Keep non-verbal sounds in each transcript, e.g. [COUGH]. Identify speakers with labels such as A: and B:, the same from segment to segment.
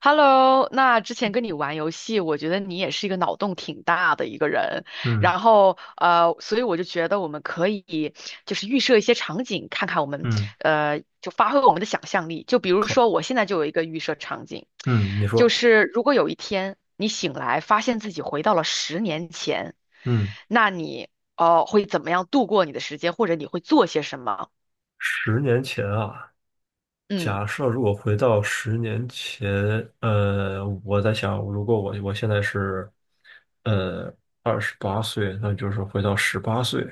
A: Hello，那之前跟你玩游戏，我觉得你也是一个脑洞挺大的一个人，
B: 嗯
A: 然后所以我就觉得我们可以就是预设一些场景，看看我们
B: 嗯，
A: 就发挥我们的想象力。就比如
B: 靠。
A: 说，我现在就有一个预设场景，
B: 嗯，你
A: 就
B: 说。
A: 是如果有一天你醒来发现自己回到了十年前，
B: 嗯，
A: 那你会怎么样度过你的时间，或者你会做些什么？
B: 十年前啊。
A: 嗯
B: 假设如果回到十年前，我在想，如果我现在是，呃，28岁，那就是回到十八岁。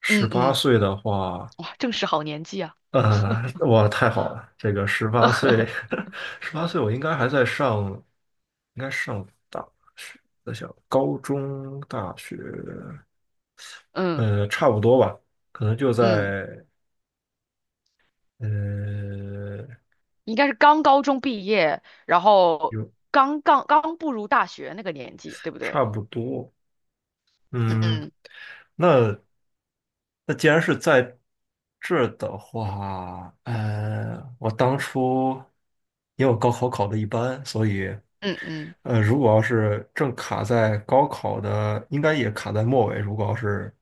B: 十
A: 嗯
B: 八
A: 嗯，
B: 岁的话。
A: 哇，正是好年纪啊，
B: 哇，太好了，这个十八岁。
A: [LAUGHS]
B: [LAUGHS] 十八岁我应该还在上，应该上大学。在想高中、大学。
A: 嗯
B: 差不多吧，可能就
A: 嗯。
B: 在。呃，
A: 应该是刚高中毕业，然后
B: 有
A: 刚步入大学那个年纪，对不对？
B: 差不多。嗯，
A: 嗯
B: 那那既然是在这儿的话，我当初因为我高考考的一般。所以
A: 嗯嗯
B: 如果要是正卡在高考的，应该也卡在末尾。如果要是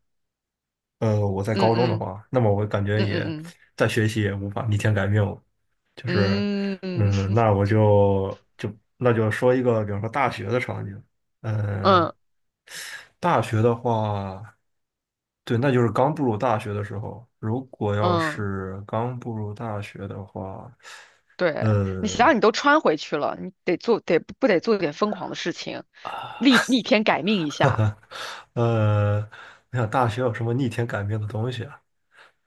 B: 我在
A: 嗯
B: 高中的
A: 嗯
B: 话，那么我感觉
A: 嗯
B: 也
A: 嗯
B: 再学习也无法逆天改命了，就是。
A: 嗯嗯
B: 嗯，那我就就那就说一个，比方说大学的场景。
A: [LAUGHS]
B: 呃，
A: 嗯
B: 大学的话，对，那就是刚步入大学的时候。如果要
A: 嗯，
B: 是刚步入大学的话，
A: 对，你想
B: 呃，
A: 想，你都穿回去了，你得做得不得做点疯狂的事情，逆天改命一
B: [LAUGHS] 哈
A: 下。
B: 哈。呃，我想大学有什么逆天改命的东西啊？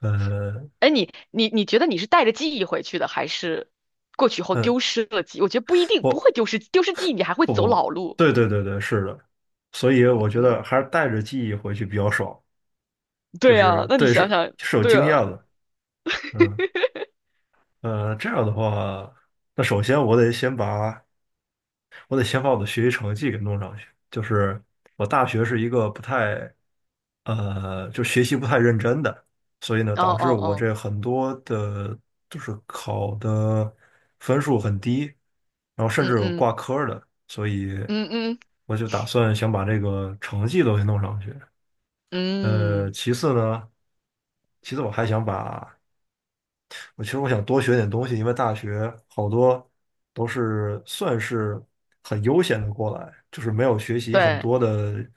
B: 呃，
A: 哎，你觉得你是带着记忆回去的，还是过去后
B: 嗯。
A: 丢失了记忆我觉得不一定不
B: 我。
A: 会丢失记忆，你还会走老路。
B: 对对对对，是的。所以我觉
A: 嗯，
B: 得还是带着记忆回去比较爽，就
A: 对啊，
B: 是，
A: 那你
B: 对，
A: 想
B: 是
A: 想，
B: 是有
A: 对
B: 经验
A: 啊，
B: 的。嗯。这样的话，那首先我得先把我的学习成绩给弄上去。就是我大学是一个不太，就学习不太认真的。所以呢，
A: 哦
B: 导致
A: 哦
B: 我
A: 哦。
B: 这很多的，就是考的分数很低。然后甚至
A: 嗯
B: 有
A: 嗯
B: 挂科儿的，所以
A: 嗯嗯
B: 我就打算想把这个成绩都给弄上去。
A: 嗯，
B: 其次呢，其次我还想把我其实我想多学点东西。因为大学好多都是算是很悠闲的过来，就是没有学习很
A: 对，
B: 多的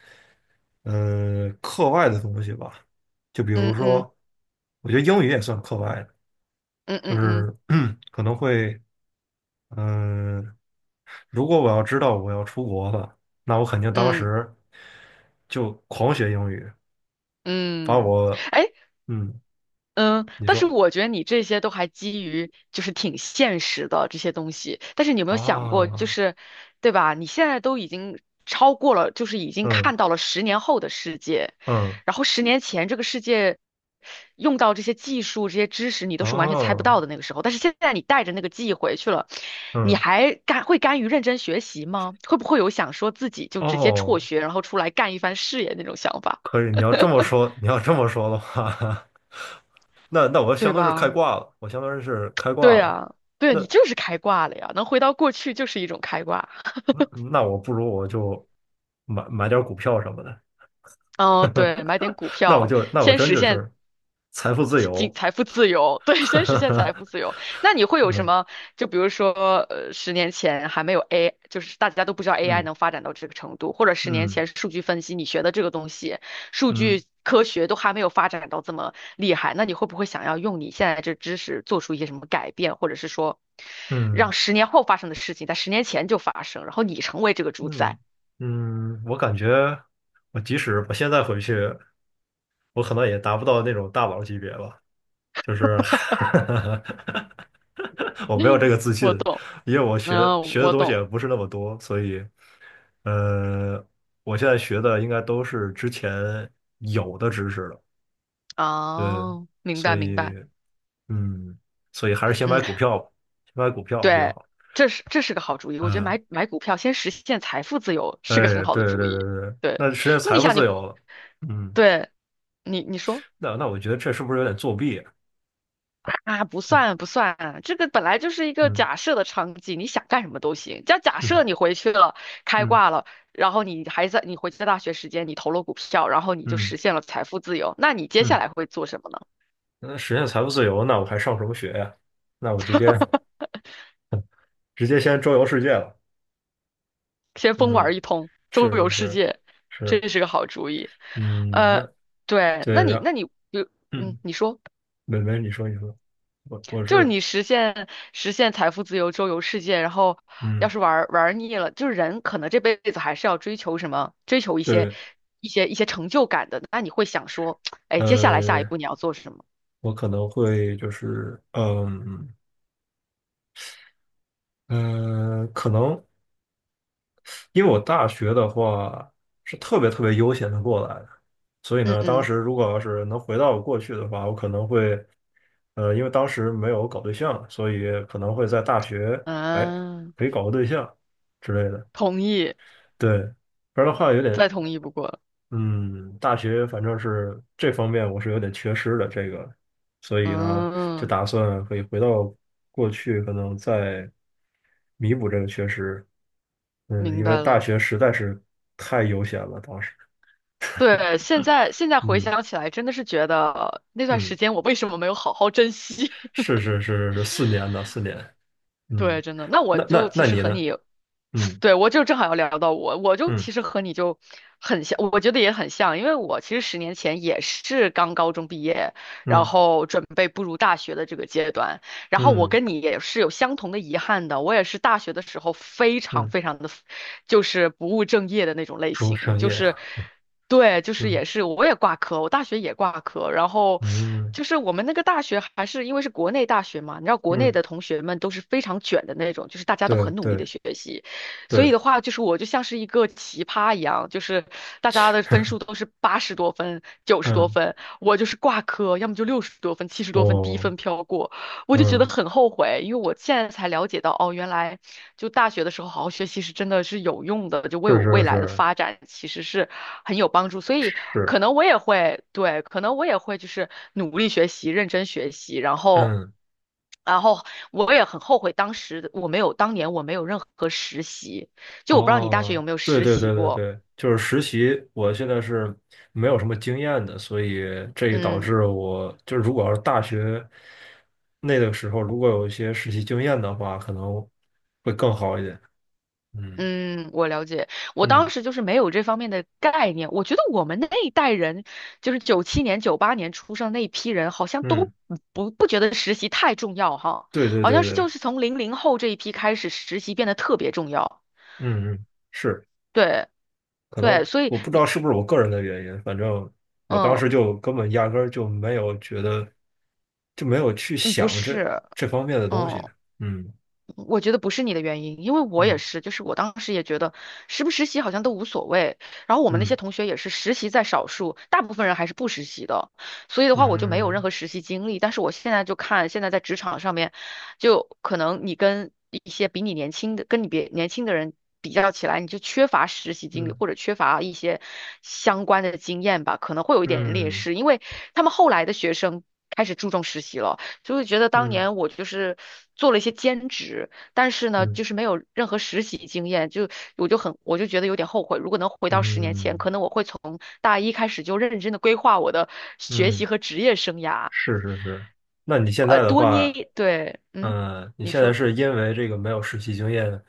B: 课外的东西吧。就比如
A: 嗯嗯
B: 说，我觉得英语也算课外的，
A: 嗯
B: 就
A: 嗯嗯
B: 是 [CLEARS THROAT] 可能会嗯、呃如果我要知道我要出国了，那我肯定当
A: 嗯
B: 时就狂学英语。把
A: 嗯，
B: 我
A: 哎，
B: 嗯，
A: 嗯，
B: 你
A: 但是
B: 说
A: 我觉得你这些都还基于就是挺现实的这些东西，但是你有没有想过，就
B: 啊。
A: 是对吧？你现在都已经超过了，就是已经
B: 嗯
A: 看到了十年后的世界，
B: 嗯
A: 然后十年前这个世界用到这些技术、这些知识，你都是完全猜不
B: 啊。
A: 到的那个时候。但是现在你带着那个记忆回去了，你
B: 嗯，
A: 还甘于认真学习吗？会不会有想说自己就直接辍
B: 哦，
A: 学，然后出来干一番事业那种想法，
B: 可以。你要这么说的话，[LAUGHS] 那我相
A: 对
B: 当于是开
A: 吧？
B: 挂了，我相当于是开挂
A: 对
B: 了。
A: 啊，对啊
B: 那
A: 你就是开挂了呀，能回到过去就是一种开挂。
B: 那我不如我就买点儿股票什么的。
A: 哦，对，买点
B: [LAUGHS]
A: 股票，
B: 那我
A: 先
B: 真
A: 实
B: 就
A: 现
B: 是财富自由。
A: 财富自由，[LAUGHS] 对，先实现财富自
B: [LAUGHS]
A: 由。那你会有什
B: 嗯
A: 么？就比如说，十年前还没有 就是大家都不知道 AI
B: 嗯
A: 能发展到这个程度，或者十年
B: 嗯
A: 前数据分析你学的这个东西，数
B: 嗯
A: 据科学都还没有发展到这么厉害，那你会不会想要用你现在这知识做出一些什么改变，或者是说，让
B: 嗯
A: 十年后发生的事情在十年前就发生，然后你成为这个主
B: 嗯
A: 宰？
B: 嗯。我感觉即使我现在回去，我可能也达不到那种大佬级别吧。就是 [LAUGHS]
A: [LAUGHS]
B: 我没有这
A: 嗯，
B: 个自信。
A: 我懂，
B: 因为我学
A: 嗯，
B: 学的
A: 我
B: 东西
A: 懂。
B: 也不是那么多，所以。呃，我现在学的应该都是之前有的知识了。对，
A: 哦，明
B: 所
A: 白明
B: 以，
A: 白，
B: 嗯，所以还是先
A: 嗯，
B: 买股票吧。先买股票比较
A: 对，
B: 好。
A: 这是个好主意，我觉得
B: 嗯，
A: 买股票先实现财富自由
B: 哎，
A: 是个很好的
B: 对对
A: 主
B: 对
A: 意。
B: 对对。
A: 对，
B: 那实现
A: 那
B: 财
A: 你
B: 富
A: 想你，
B: 自由了。嗯，
A: 对你说
B: 那我觉得这是不是有点作弊啊。
A: 啊，不算不算，这个本来就是一个
B: 嗯
A: 假设的场景，你想干什么都行。假假
B: 嗯，
A: 设你回去了，
B: [LAUGHS]
A: 开
B: 嗯
A: 挂了，然后你还在你回去在大学时间，你投了股票，然后你就
B: 嗯
A: 实现了财富自由，那你接下
B: 嗯。
A: 来会做什么呢？
B: 那实现财富自由，那我还上什么学呀？那我直接先周游世界了。
A: 先疯
B: 嗯，
A: 玩一通，周游
B: 是是
A: 世
B: 是
A: 界，
B: 是。
A: 这是个好主意。
B: 嗯，
A: 呃，
B: 那
A: 对，那
B: 对，
A: 你
B: 然后，
A: 那你比如嗯，
B: 嗯，
A: 你说
B: 美美，你说你说。我
A: 就是
B: 是，
A: 你实现财富自由、周游世界，然后要
B: 嗯，
A: 是玩儿玩儿腻了，就是人可能这辈子还是要追求什么，追求一些
B: 对。
A: 一些一些成就感的。那你会想说，哎，接下来下一
B: 呃，
A: 步你要做什么？
B: 我可能会，就是，可能因为我大学的话是特别特别悠闲的过来的。所以
A: 嗯
B: 呢，当
A: 嗯
B: 时如果要是能回到我过去的话，我可能会。因为当时没有搞对象，所以可能会在大学，哎，
A: 嗯，
B: 可以搞个对象之类的。
A: 同意，
B: 对，不然的话有点。
A: 再同意不过了。
B: 嗯，大学反正是这方面我是有点缺失的这个。所以呢，就
A: 嗯，
B: 打算可以回到过去，可能再弥补这个缺失。嗯，
A: 明
B: 因为
A: 白
B: 大
A: 了。
B: 学实在是太悠闲了，当时。
A: 对，现在回
B: 嗯
A: 想起来，真的是觉得那段时
B: 嗯，
A: 间我为什么没有好好珍惜？
B: 是是是是四年的四年。
A: [LAUGHS] 对，
B: 嗯，
A: 真的。那我
B: 那
A: 就
B: 那
A: 其
B: 那
A: 实
B: 你
A: 和
B: 呢？
A: 你
B: 嗯
A: 对，我就正好要聊到我，我就
B: 嗯
A: 其实和你就很像，我觉得也很像，因为我其实十年前也是刚高中毕业，然
B: 嗯
A: 后准备步入大学的这个阶段，然后我
B: 嗯
A: 跟你也是有相同的遗憾的，我也是大学的时候非常
B: 嗯。
A: 非常的，就是不务正业的那种类
B: 服务
A: 型，
B: 商
A: 就
B: 业。
A: 是，对，就是
B: 嗯
A: 也是我也挂科，我大学也挂科，然后。
B: 嗯
A: 就是我们那个大学还是因为是国内大学嘛，你知道国内
B: 嗯，
A: 的同学们都是非常卷的那种，就是大家都
B: 对
A: 很努力的
B: 对
A: 学习，所以
B: 对，
A: 的话，就是我就像是一个奇葩一样，就是大家的分数都是80多分、九十多
B: 嗯。
A: 分，我就是挂科，要么就60多分、70多分，低
B: 我
A: 分飘过，我就觉得
B: 嗯
A: 很后悔，因为我现在才了解到，哦，原来就大学的时候好好学习是真的是有用的，就为
B: 是
A: 我未
B: 是
A: 来的
B: 是。
A: 发展其实是很有帮助，所以可
B: 是，
A: 能我也会，对，可能我也会就是努力学习、认真学习，然后。
B: 嗯，
A: 然后我也很后悔当时的我没有，当年我没有任何实习，就我不知道你大学
B: 哦，
A: 有没有
B: 对
A: 实
B: 对
A: 习
B: 对对
A: 过。
B: 对。就是实习，我现在是没有什么经验的。所以这也导
A: 嗯
B: 致我就是，如果要是大学那个时候，如果有一些实习经验的话，可能会更好一点。嗯
A: 嗯，我了解，我当
B: 嗯
A: 时就是没有这方面的概念。我觉得我们那一代人，就是97年、98年出生那一批人，好像
B: 嗯，
A: 都不觉得实习太重要哈，
B: 对对
A: 好
B: 对
A: 像是
B: 对，
A: 就是从00后这一批开始，实习变得特别重要。
B: 嗯嗯，是。
A: 对
B: 可能
A: 对，所以
B: 我不知道
A: 你
B: 是不是我个人的原因，反正我当
A: 嗯
B: 时就根本压根儿就没有觉得，就没有去
A: 嗯不
B: 想这
A: 是。
B: 这方面的东西。
A: 嗯。
B: 嗯
A: 我觉得不是你的原因，因为我也
B: 嗯。
A: 是，就是我当时也觉得实不实习好像都无所谓。然后我们那
B: 嗯
A: 些同学也是实习在少数，大部分人还是不实习的，所以的话我就没有任
B: 嗯
A: 何实习经历。但是我现在就看现在在职场上面，就可能你跟一些比你年轻的、跟你别年轻的人比较起来，你就缺乏实习经历
B: 嗯
A: 或者缺乏一些相关的经验吧，可能会有一点劣
B: 嗯
A: 势，因为他们后来的学生开始注重实习了。就会觉得当
B: 嗯
A: 年我就是做了一些兼职，但是呢，
B: 嗯
A: 就是没有任何实习经验，就我就觉得有点后悔。如果能回到十年前，
B: 嗯
A: 可能我会从大一开始就认真的规划我的学
B: 嗯，
A: 习和职业生涯，
B: 是是是。那你现
A: 呃，
B: 在的
A: 多捏
B: 话，
A: 一，对，嗯，
B: 你
A: 你
B: 现在
A: 说，
B: 是因为这个没有实习经验，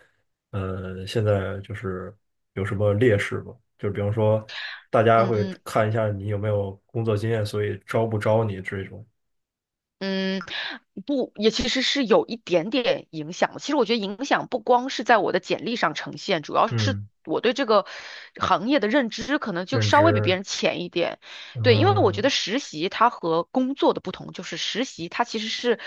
B: 现在就是有什么劣势吗？就比方说，大家
A: 嗯
B: 会
A: 嗯。
B: 看一下你有没有工作经验，所以招不招你这种。
A: 嗯，不，也其实是有一点点影响的。其实我觉得影响不光是在我的简历上呈现，主要
B: 嗯，
A: 我对这个行业的认知可能就
B: 认
A: 稍微比别
B: 知。
A: 人浅一点。对，因为我觉得
B: 嗯
A: 实习它和工作的不同，就是实习它其实是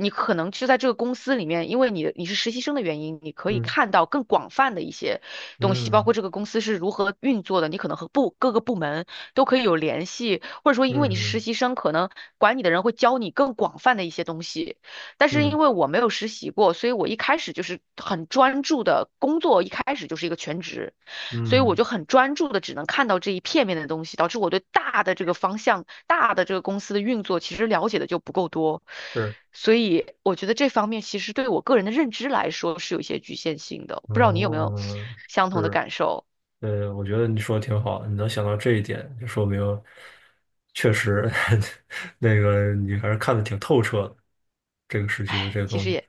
A: 你可能就在这个公司里面，因为你是实习生的原因，你可以
B: 嗯
A: 看到更广泛的一些东西，包
B: 嗯
A: 括这个公司是如何运作的，你可能和各个部门都可以有联系，或者说
B: 嗯
A: 因为你是实
B: 嗯
A: 习生，可能管你的人会教你更广泛的一些东西。但是
B: 嗯
A: 因为我没有实习过，所以我一开始就是很专注的工作，一开始就是一个全职，所以
B: 嗯，
A: 我
B: 嗯
A: 就很专注的只能看到这一片面的东西，导致我对大的这个方向、大的这个公司的运作其实了解的就不够多，
B: 是，
A: 所以我觉得这方面其实对我个人的认知来说是有一些局限性的，不知道你有没有
B: 哦，
A: 相同的
B: 是。
A: 感受？
B: 我觉得你说的挺好的，你能想到这一点，就说明确实。 [LAUGHS] 那个你还是看的挺透彻的，这个时期的这
A: 唉，
B: 个
A: 其
B: 东
A: 实
B: 西。
A: 也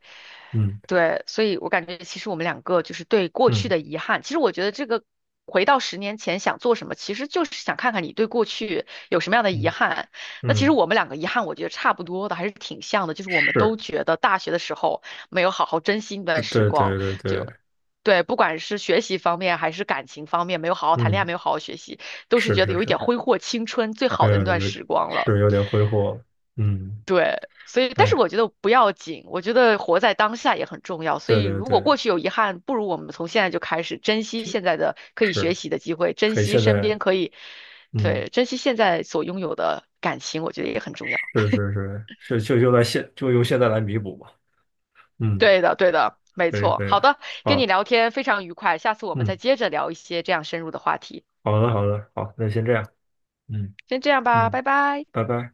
B: 嗯
A: 对，所以我感觉其实我们两个就是对过去
B: 嗯
A: 的遗憾。其实我觉得这个回到十年前想做什么，其实就是想看看你对过去有什么样的遗
B: 嗯
A: 憾。那其实
B: 嗯，
A: 我们两个遗憾，我觉得差不多的，还是挺像的，就是我们都
B: 是。
A: 觉得大学的时候没有好好珍惜那
B: 对
A: 段时
B: 对对
A: 光，
B: 对
A: 就。
B: 对，
A: 对，不管是学习方面还是感情方面，没有好好谈恋爱，
B: 嗯，
A: 没有好好学习，都是
B: 是
A: 觉得
B: 是
A: 有一
B: 是。
A: 点挥霍青春最好的
B: 呃，
A: 那段
B: 有
A: 时光了。
B: 是有点挥霍了。嗯，
A: 所以，但是
B: 哎，
A: 我觉得不要紧，我觉得活在当下也很重要。所
B: 对
A: 以，
B: 对
A: 如果
B: 对，
A: 过去有遗憾，不如我们从现在就开始珍惜
B: 就
A: 现在的可以学
B: 是
A: 习的机会，珍
B: 可以
A: 惜
B: 现
A: 身边
B: 在。
A: 可以，
B: 嗯，
A: 对，珍惜现在所拥有的感情，我觉得也很重要。
B: 是是是，是。就用现在来弥补吧。嗯，
A: 对的，对的，没
B: 可以
A: 错。
B: 可以，
A: 好的，跟你
B: 好，
A: 聊天非常愉快，下次我们再
B: 嗯，
A: 接着聊一些这样深入的话题。
B: 好的好的，好，那先这样。嗯
A: 先这样吧，
B: 嗯，
A: 拜拜。
B: 拜拜。